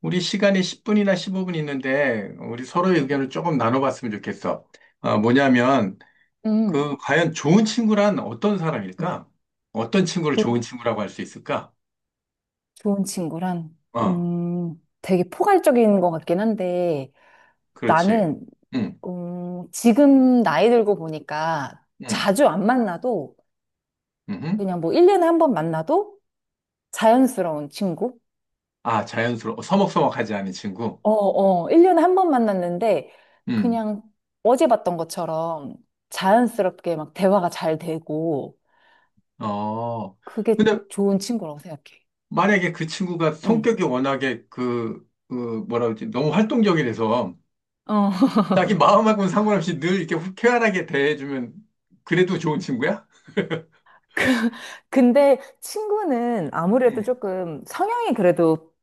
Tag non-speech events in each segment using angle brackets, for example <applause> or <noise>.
우리 시간이 10분이나 15분 있는데 우리 서로의 음, 의견을 조금 나눠봤으면 좋겠어. 뭐냐면 음, 그 과연 좋은 친구란 어떤 사람일까? 어떤 친구를 조, 좋은 친구라고 할 수 있을까? 좋은 친구란, 어, 되게 포괄적인 것 같긴 한데, 그렇지. 나는, 응, 지금 나이 들고 보니까 응, 자주 안 만나도, 응. 그냥 뭐 1년에 한 번 만나도 자연스러운 친구? 아, 자연스러워. 어, 서먹서먹하지 않은 친구. 어, 어, 1년에 한 번 만났는데, 응. 그냥 어제 봤던 것처럼 자연스럽게 막 대화가 잘 되고, 어. 그게 근데 좋은 친구라고 생각해. 만약에 그 친구가 응. 성격이 워낙에 그 뭐라 그러지? 너무 활동적이라서 어. 자기 마음하고는 상관없이 늘 이렇게 쾌활하게 대해주면 그래도 좋은 친구야? 근데 친구는 아무래도 응. 조금 성향이 그래도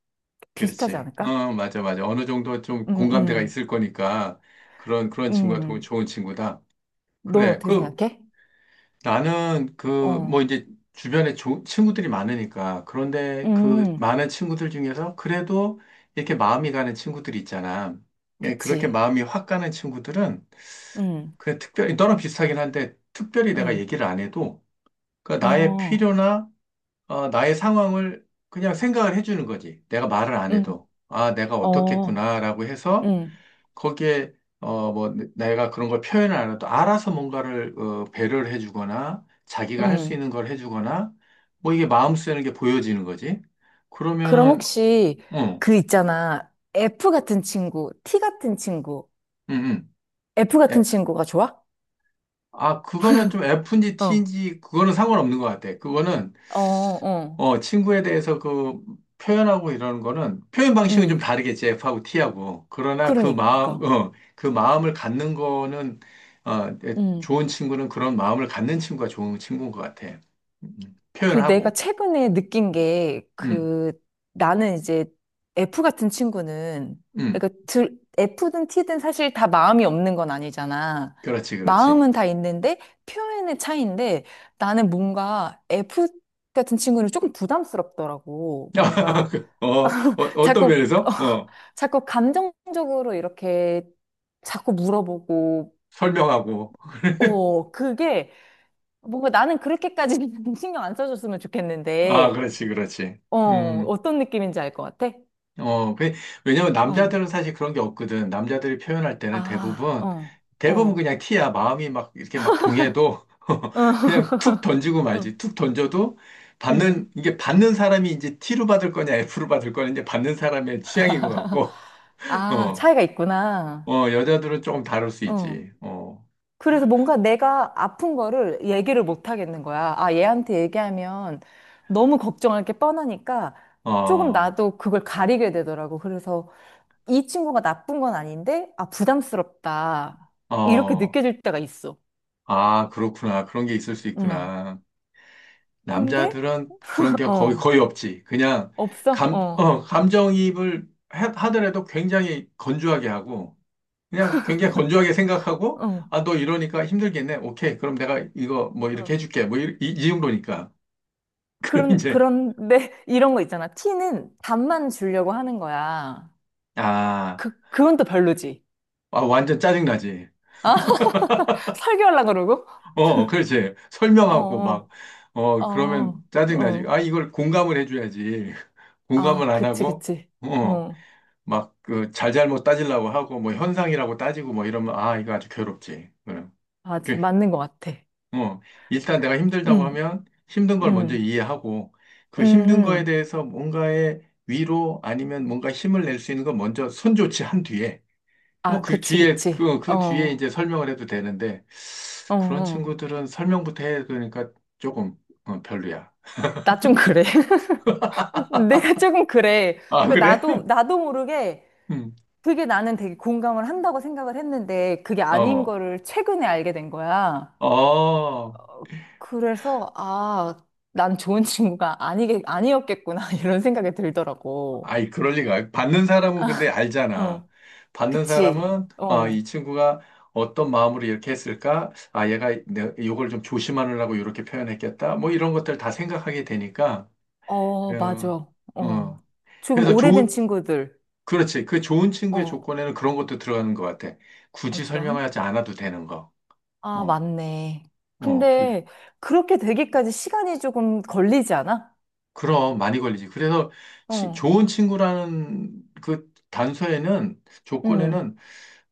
비슷하지 그렇지. 않을까? 어, 맞아, 맞아. 어느 정도 좀 음, 공감대가 음, 있을 거니까 그런 친구가 더 음. 좋은 친구다. 넌 그래. 어떻게 그, 생각해? 나는 그, 어, 뭐 이제 주변에 조, 친구들이 많으니까 그런데 그 음, 많은 친구들 중에서 그래도 이렇게 마음이 가는 친구들이 있잖아. 예, 그렇게 그치. 마음이 확 가는 친구들은 음, 그냥 특별히, 너랑 비슷하긴 한데 특별히 내가 음, 얘기를 안 해도 그 나의 어, 필요나 어, 나의 상황을 그냥 생각을 해주는 거지. 내가 말을 안 음, 해도. 아, 내가 어, 어떻겠구나라고 해서 음, 거기에 어 뭐 내가 그런 걸 표현을 안 해도 알아서 뭔가를 어, 배려를 해주거나 자기가 할 수 음. 있는 걸 해주거나 뭐 이게 마음 쓰는 게 보여지는 거지. 그럼 그러면은 혹시 응, 그 있잖아. F 같은 친구, T 같은 친구, 응, 응. F 같은 예. 친구가 좋아? 아 그거는 좀 F인지 어, T인지 그거는 상관없는 것 같아. 그거는 어, 어, 어, 친구에 대해서 그 표현하고 이러는 거는 표현 방식은 좀 음, 다르겠지, F하고 T하고. 그러나 그 마음, 그러니까. 어, 그 마음을 갖는 거는, 어, 음. 좋은 친구는 그런 마음을 갖는 친구가 좋은 친구인 것 같아. 음, 그 내가 표현하고. 최근에 느낀 게 음, 그 나는 이제 F 같은 친구는 음, 그러니까 F든 T든 사실 다 마음이 없는 건 아니잖아. 그렇지, 그렇지. 마음은 다 있는데 표현의 차이인데 나는 뭔가 F 같은 친구는 조금 부담스럽더라고. 뭔가 <laughs> 어, 어, 어떤 자꾸 <laughs> 어, 면에서? 어, 자꾸 감정적으로 이렇게 자꾸 물어보고 설명하고. 어 그게 뭔가 나는 그렇게까지 <laughs> 신경 안 써줬으면 아, 좋겠는데 그렇지, 그렇지. 어, 음. 어떤 느낌인지 알 것 같아? 어, 그, 왜냐면 어, 남자들은 사실 그런 게 없거든. 남자들이 표현할 때는 아, 대부분, 어, 대부분 어, 그냥 티야. 마음이 막 이렇게 막 동해도 어, <laughs> 그냥 툭 <laughs> 던지고 어, 말지. 툭 던져도 음. 이게 받는 사람이 이제 T로 받을 거냐 F로 받을 거냐 이제 받는 사람의 취향인 것 같고, <laughs> 아, 어, 차이가 있구나. 어, 여자들은 조금 다를 수 어. 있지. 어, 그래서 뭔가 내가 아픈 거를 얘기를 못 하겠는 거야. 아, 얘한테 얘기하면 너무 걱정할 게 뻔하니까 조금 어, 나도 그걸 가리게 되더라고. 그래서 이 친구가 나쁜 건 아닌데, 아, 부담스럽다. 이렇게 어, 느껴질 때가 있어. 아, 그렇구나. 그런 게 있을 수 음. 있구나. 근데, 남자들은 그런 <laughs> 게 거의, 어, 거의 없지. 그냥 없어? 감, 어, 어, 감정이입을 하더라도 굉장히 건조하게 하고, 그냥 굉장히 건조하게 생각하고, 어. 아, 너 이러니까 힘들겠네. 오케이. 그럼 내가 이거 뭐 이렇게 어. 해줄게. 뭐 이 정도니까. <laughs> 그럼 그런, 이제, 그런데 <laughs> 이런 거 있잖아. 티는 답만 주려고 하는 거야. 아, 그, 그건 또 별로지. 아, 완전 짜증나지. 아, <laughs> 설교하려고 그러고? 어, 그렇지. 설명하고 막, 어, 어, 어, 그러면 어, 짜증나지. 어. 아, 이걸 공감을 해줘야지. <laughs> 아, 공감을 안 그치, 하고, 그치. 어. 어, 막 그 잘잘못 따지려고 하고 뭐 현상이라고 따지고 뭐 이러면 아 이거 아주 괴롭지. 그럼 아, 그, 맞는 것 같아. 어 일단 내가 힘들다고 응, 하면 힘든 걸 먼저 응, 이해하고 그 응, 힘든 거에 응. 대해서 뭔가의 위로 아니면 뭔가 힘을 낼 수 있는 건 먼저 선조치한 뒤에 뭐 아, 그 그치, 뒤에 그치. 그 어, 그 뒤에 이제 어, 설명을 해도 되는데 그런 어. 친구들은 설명부터 해야 되니까 조금 어, 별로야. 나 좀 그래. <laughs> 내가 조금 그래. 아 그러니까 그래? 나도 모르게 <laughs> 음. 그게 나는 되게 공감을 한다고 생각을 했는데 그게 아닌 어. 거를 최근에 알게 된 거야. 어. 그래서, 아, 난 좋은 친구가 아니었겠구나, <laughs> 이런 생각이 들더라고. 아이, 그럴 리가. 받는 사람은 근데 알잖아. 어, 받는 그치. 사람은, 아, 어, 이 친구가 어떤 마음으로 이렇게 했을까? 아, 얘가 내, 이걸 좀 조심하느라고 이렇게 표현했겠다. 뭐 이런 것들 다 생각하게 되니까. 어, 어, 맞아. 어. 어. 조금 그래서 오래된 좋은, 친구들. 그렇지. 그 좋은 친구의 어, 조건에는 그런 것도 들어가는 것 같아. 굳이 어떤? 설명하지 않아도 되는 거. 아, 어, 맞네. 어. 그, 근데 그렇게 되기까지 시간이 조금 걸리지 않아? 그럼 많이 걸리지. 그래서 어, 좋은 친구라는 그 단서에는 응, 조건에는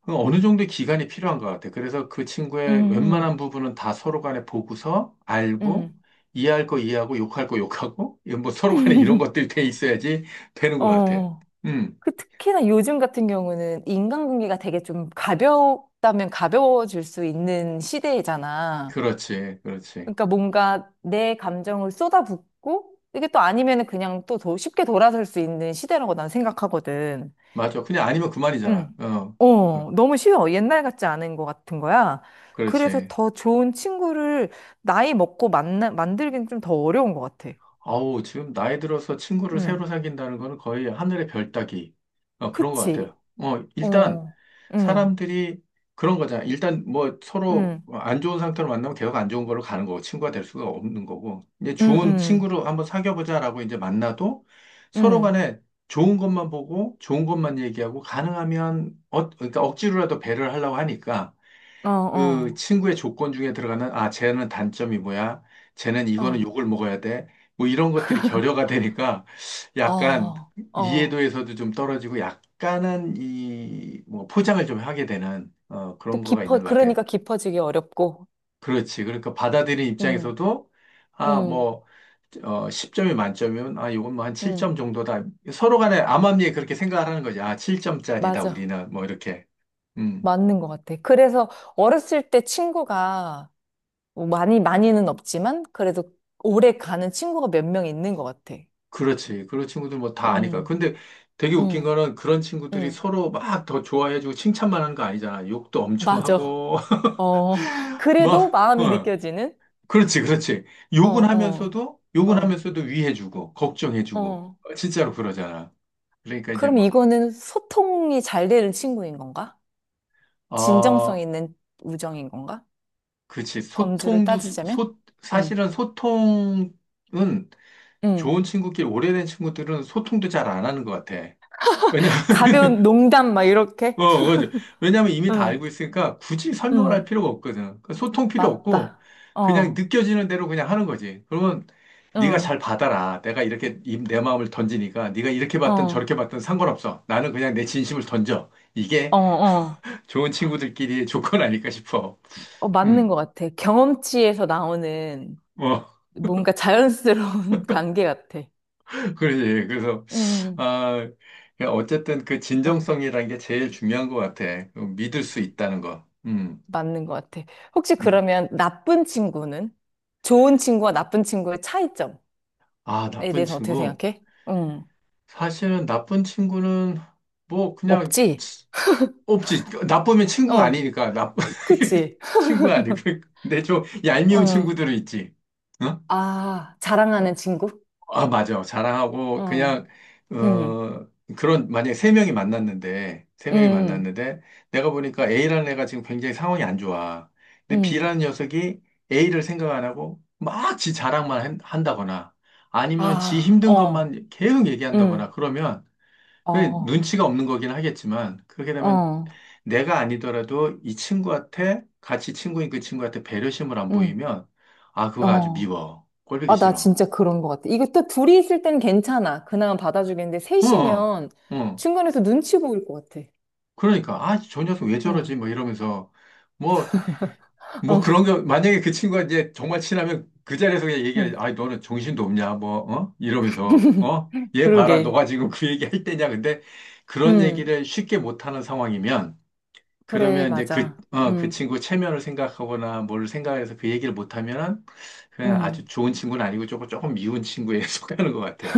그 어느 정도의 기간이 필요한 것 같아. 그래서 그 친구의 응, 웬만한 부분은 다 서로 간에 보고서 응, 알고 응. 이해할 거 이해하고 욕할 거 욕하고 이뭐 서로 간에 이런 것들이 <laughs> 돼 있어야지 되는 것 같아. 어, 음, 그 특히나 요즘 같은 경우는 인간관계가 되게 좀 가볍다면 가벼워질 수 있는 시대잖아. 그렇지, 그렇지. 그러니까 뭔가 내 감정을 쏟아붓고 이게 또 아니면은 그냥 또 더 쉽게 돌아설 수 있는 시대라고 난 생각하거든. 맞아. 그냥 아니면 그만이잖아. 응. 어, 어, 어, 너무 쉬워. 옛날 같지 않은 것 같은 거야. 그래서 그렇지. 더 좋은 친구를 나이 먹고 만들기는 좀 더 어려운 것 같아. 아우, 지금 나이 들어서 친구를 응. 새로 사귄다는 거는 거의 하늘의 별 따기. 어, 그런 것 그치. 같아요. 어, 일단, 어. 응. 사람들이 그런 거잖아. 일단 뭐 서로 응. 안 좋은 상태로 만나면 계속 안 좋은 걸로 가는 거고, 친구가 될 수가 없는 거고. 이제 응. 좋은 응. 친구로 한번 사귀어보자라고 이제 만나도 서로 응. 간에 좋은 것만 보고, 좋은 것만 얘기하고, 가능하면, 어, 그러니까 억지로라도 배려를 하려고 하니까, 어, 그 어, 친구의 조건 중에 들어가는 아 쟤는 단점이 뭐야 쟤는 이거는 어, 욕을 먹어야 돼 뭐 이런 것들이 결여가 되니까 약간 어, 어. 이해도에서도 좀 떨어지고 약간은 이 뭐 포장을 좀 하게 되는 어 또 그런 거가 깊어, 있는 것 같아요. 그러니까 깊어지기 어렵고. 그렇지. 그러니까 받아들인 음, 입장에서도 아 음, 뭐 어 10점이 만점이면 아 이건 뭐 한 7점 음. 정도다. 서로 간에 암암리에 그렇게 생각을 하는 거지. 아 7점짜리다 맞아. 우리는 뭐 이렇게. 음. 맞는 것 같아. 그래서 어렸을 때 친구가 뭐 많이는 없지만 그래도 오래 가는 친구가 몇 명 있는 것 같아. 그렇지. 그런 친구들 뭐 다 아니까. 음, 근데 되게 웃긴 음, 거는 그런 친구들이 음. 서로 막 더 좋아해주고 칭찬만 하는 거 아니잖아. 욕도 엄청 맞아. 하고, 어. <laughs> 그래도 막, 마음이 어. 느껴지는? 그렇지, 그렇지. 어, 욕은 어, 하면서도, 욕은 어, 하면서도 위해주고, 걱정해주고. 어. 어, 진짜로 그러잖아. 그러니까 이제 그럼 막, 이거는 소통이 잘 되는 친구인 건가? 진정성 아, 있는 우정인 건가? 그렇지. 범주를 소통도, 따지자면? 응, 사실은 소통은 응. 좋은 친구끼리, 오래된 친구들은 소통도 잘 안 하는 것 같아. 왜냐면 가벼운 농담, 막 이렇게? 어, 맞아. 왜냐면 이미 다 응, 알고 있으니까 굳이 설명을 할 응. 필요가 없거든. 그러니까 소통 필요 없고 맞다. 그냥 어, 느껴지는 대로 그냥 하는 거지. 그러면 네가 잘 응, 받아라. 내가 이렇게 내 마음을 던지니까 네가 이렇게 어, 받든 어, 저렇게 받든 상관없어. 나는 그냥 내 진심을 던져. 이게 어. <laughs> 좋은 친구들끼리의 조건 아닐까 싶어. 어, 맞는 음, 것 같아. 경험치에서 나오는 어, 뭔가 자연스러운 <laughs> 관계 같아. <laughs> 그러지. 그래서 응, 아, 그 어쨌든 그 응. 진정성이라는 게 제일 중요한 것 같아. 그 믿을 수 있다는 거. 맞는 것 같아. 혹시 음. 그러면 나쁜 친구는? 좋은 친구와 나쁜 친구의 차이점에 아, 나쁜 대해서 어떻게 친구. 생각해? 응. 사실은 나쁜 친구는 뭐 그냥 없지? 없지. 나쁘면 친구가 어, 아니니까 나 <laughs> 그치? <laughs> 친구가 아니고 근데 좀 얄미운 어. 친구들은 있지. 어? 아, 자랑하는 친구? 아, 맞아. 자랑하고 어, 그냥 음, 어 그런 만약에 세 명이 음, 만났는데 내가 보니까 A라는 애가 지금 굉장히 상황이 안 좋아. 근데 음. B라는 녀석이 A를 생각 안 하고 막 지 자랑만 한다거나 아니면 지 아, 힘든 어, 것만 계속 얘기한다거나 음, 그러면 그게 어, 눈치가 없는 거긴 하겠지만, 그렇게 되면 어, 내가 아니더라도 이 친구한테, 같이 친구인 그 친구한테 배려심을 안 음, 보이면, 아, 그거 아주 어. 미워. 꼴보기 아, 나 싫어. 진짜 그런 것 같아. 이거 또 둘이 있을 땐 괜찮아. 그나마 받아주겠는데, 어, 어, 셋이면 어. 중간에서 눈치 보일 것 같아. 그러니까, 아, 저 녀석 왜 저러지? 음, 뭐 이러면서, 뭐, 뭐 어, 그런 거, 만약에 그 친구가 이제 정말 친하면 그 자리에서 그냥 얘기해. 음. 아, 너는 정신도 없냐? 뭐, 어? 이러면서, 어? <laughs> 얘 봐라. 그러게. 너가 지금 그 얘기 할 때냐? 근데 그런 음, 얘기를 쉽게 못하는 상황이면, 그래, 그러면 이제 그, 맞아. 어, 그 친구 체면을 생각하거나 뭘 생각해서 그 얘기를 못하면은 그냥 아주 음. 좋은 친구는 아니고 조금 미운 친구에 <laughs> 속하는 것 같아.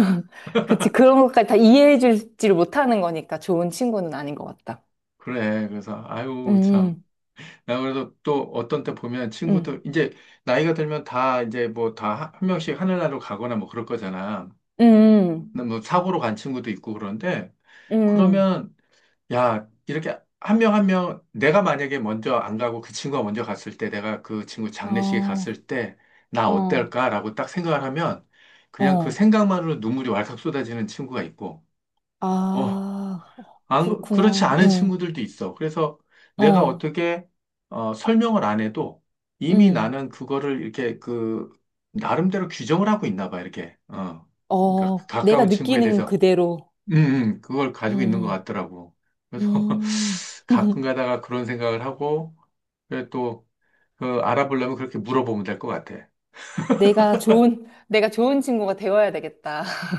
그치, 그런 것까지 다 이해해 줄지를 못하는 거니까 좋은 친구는 아닌 것 같다. 그래. 그래서, 아유, 참. 음, 나 그래서 또 어떤 때 보면 음, 친구들, 이제 나이가 들면 다 이제 뭐 다 한 명씩 하늘나라로 가거나 뭐 그럴 거잖아. 음. 근데 뭐 사고로 간 친구도 있고 그런데 응, 그러면 야, 이렇게 한 명 한 명, 내가 만약에 먼저 안 가고 그 친구가 먼저 갔을 때, 내가 그 친구 장례식에 어, 갔을 때, 나 어, 어떨까라고 딱 생각을 하면, 그냥 그 어. 생각만으로 눈물이 왈칵 쏟아지는 친구가 있고, 어, 아, 안, 그렇지 그렇구나. 않은 응, 친구들도 있어. 그래서 내가 어, 어떻게, 어, 설명을 안 해도 이미 응. 나는 그거를 이렇게 그, 나름대로 규정을 하고 있나 봐, 이렇게. 어. 그러니까 어, 내가 가까운 친구에 느끼는 대해서 그대로. 그걸 가지고 있는 것 응, 같더라고. 그래서 응. 음. <laughs> 가끔 <laughs> 가다가 그런 생각을 하고, 그래 또, 그 알아보려면 그렇게 물어보면 될 것 같아. 내가 좋은 친구가 되어야 되겠다. <laughs>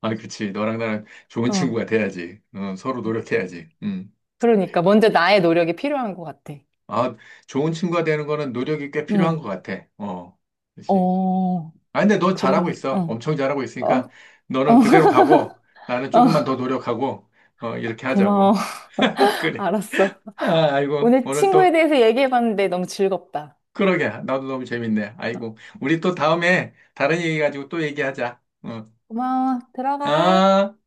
아, 그치. 너랑 나랑 좋은 어, 친구가 돼야지. 어, 서로 노력해야지. 음. 그러니까 먼저 나의 노력이 필요한 것 같아. 아, 좋은 친구가 되는 거는 노력이 꽤 필요한 응. 것 같아. 어, 그치. 어, 아, 근데 너 잘하고 그러네. 있어. 어, 엄청 잘하고 어, 있으니까 어, 너는 그대로 <laughs> 가고 나는 어, 조금만 더 노력하고, 어, 이렇게 고마워. 하자고. <laughs> <laughs> 그래. 알았어. 아, 아이고. 오늘 오늘 친구에 또 대해서 얘기해봤는데 너무 즐겁다. 그러게. 나도 너무 재밌네. 어, 아이고. 우리 또 다음에 다른 얘기 가지고 또 얘기하자. 어, 고마워. 들어가. 아.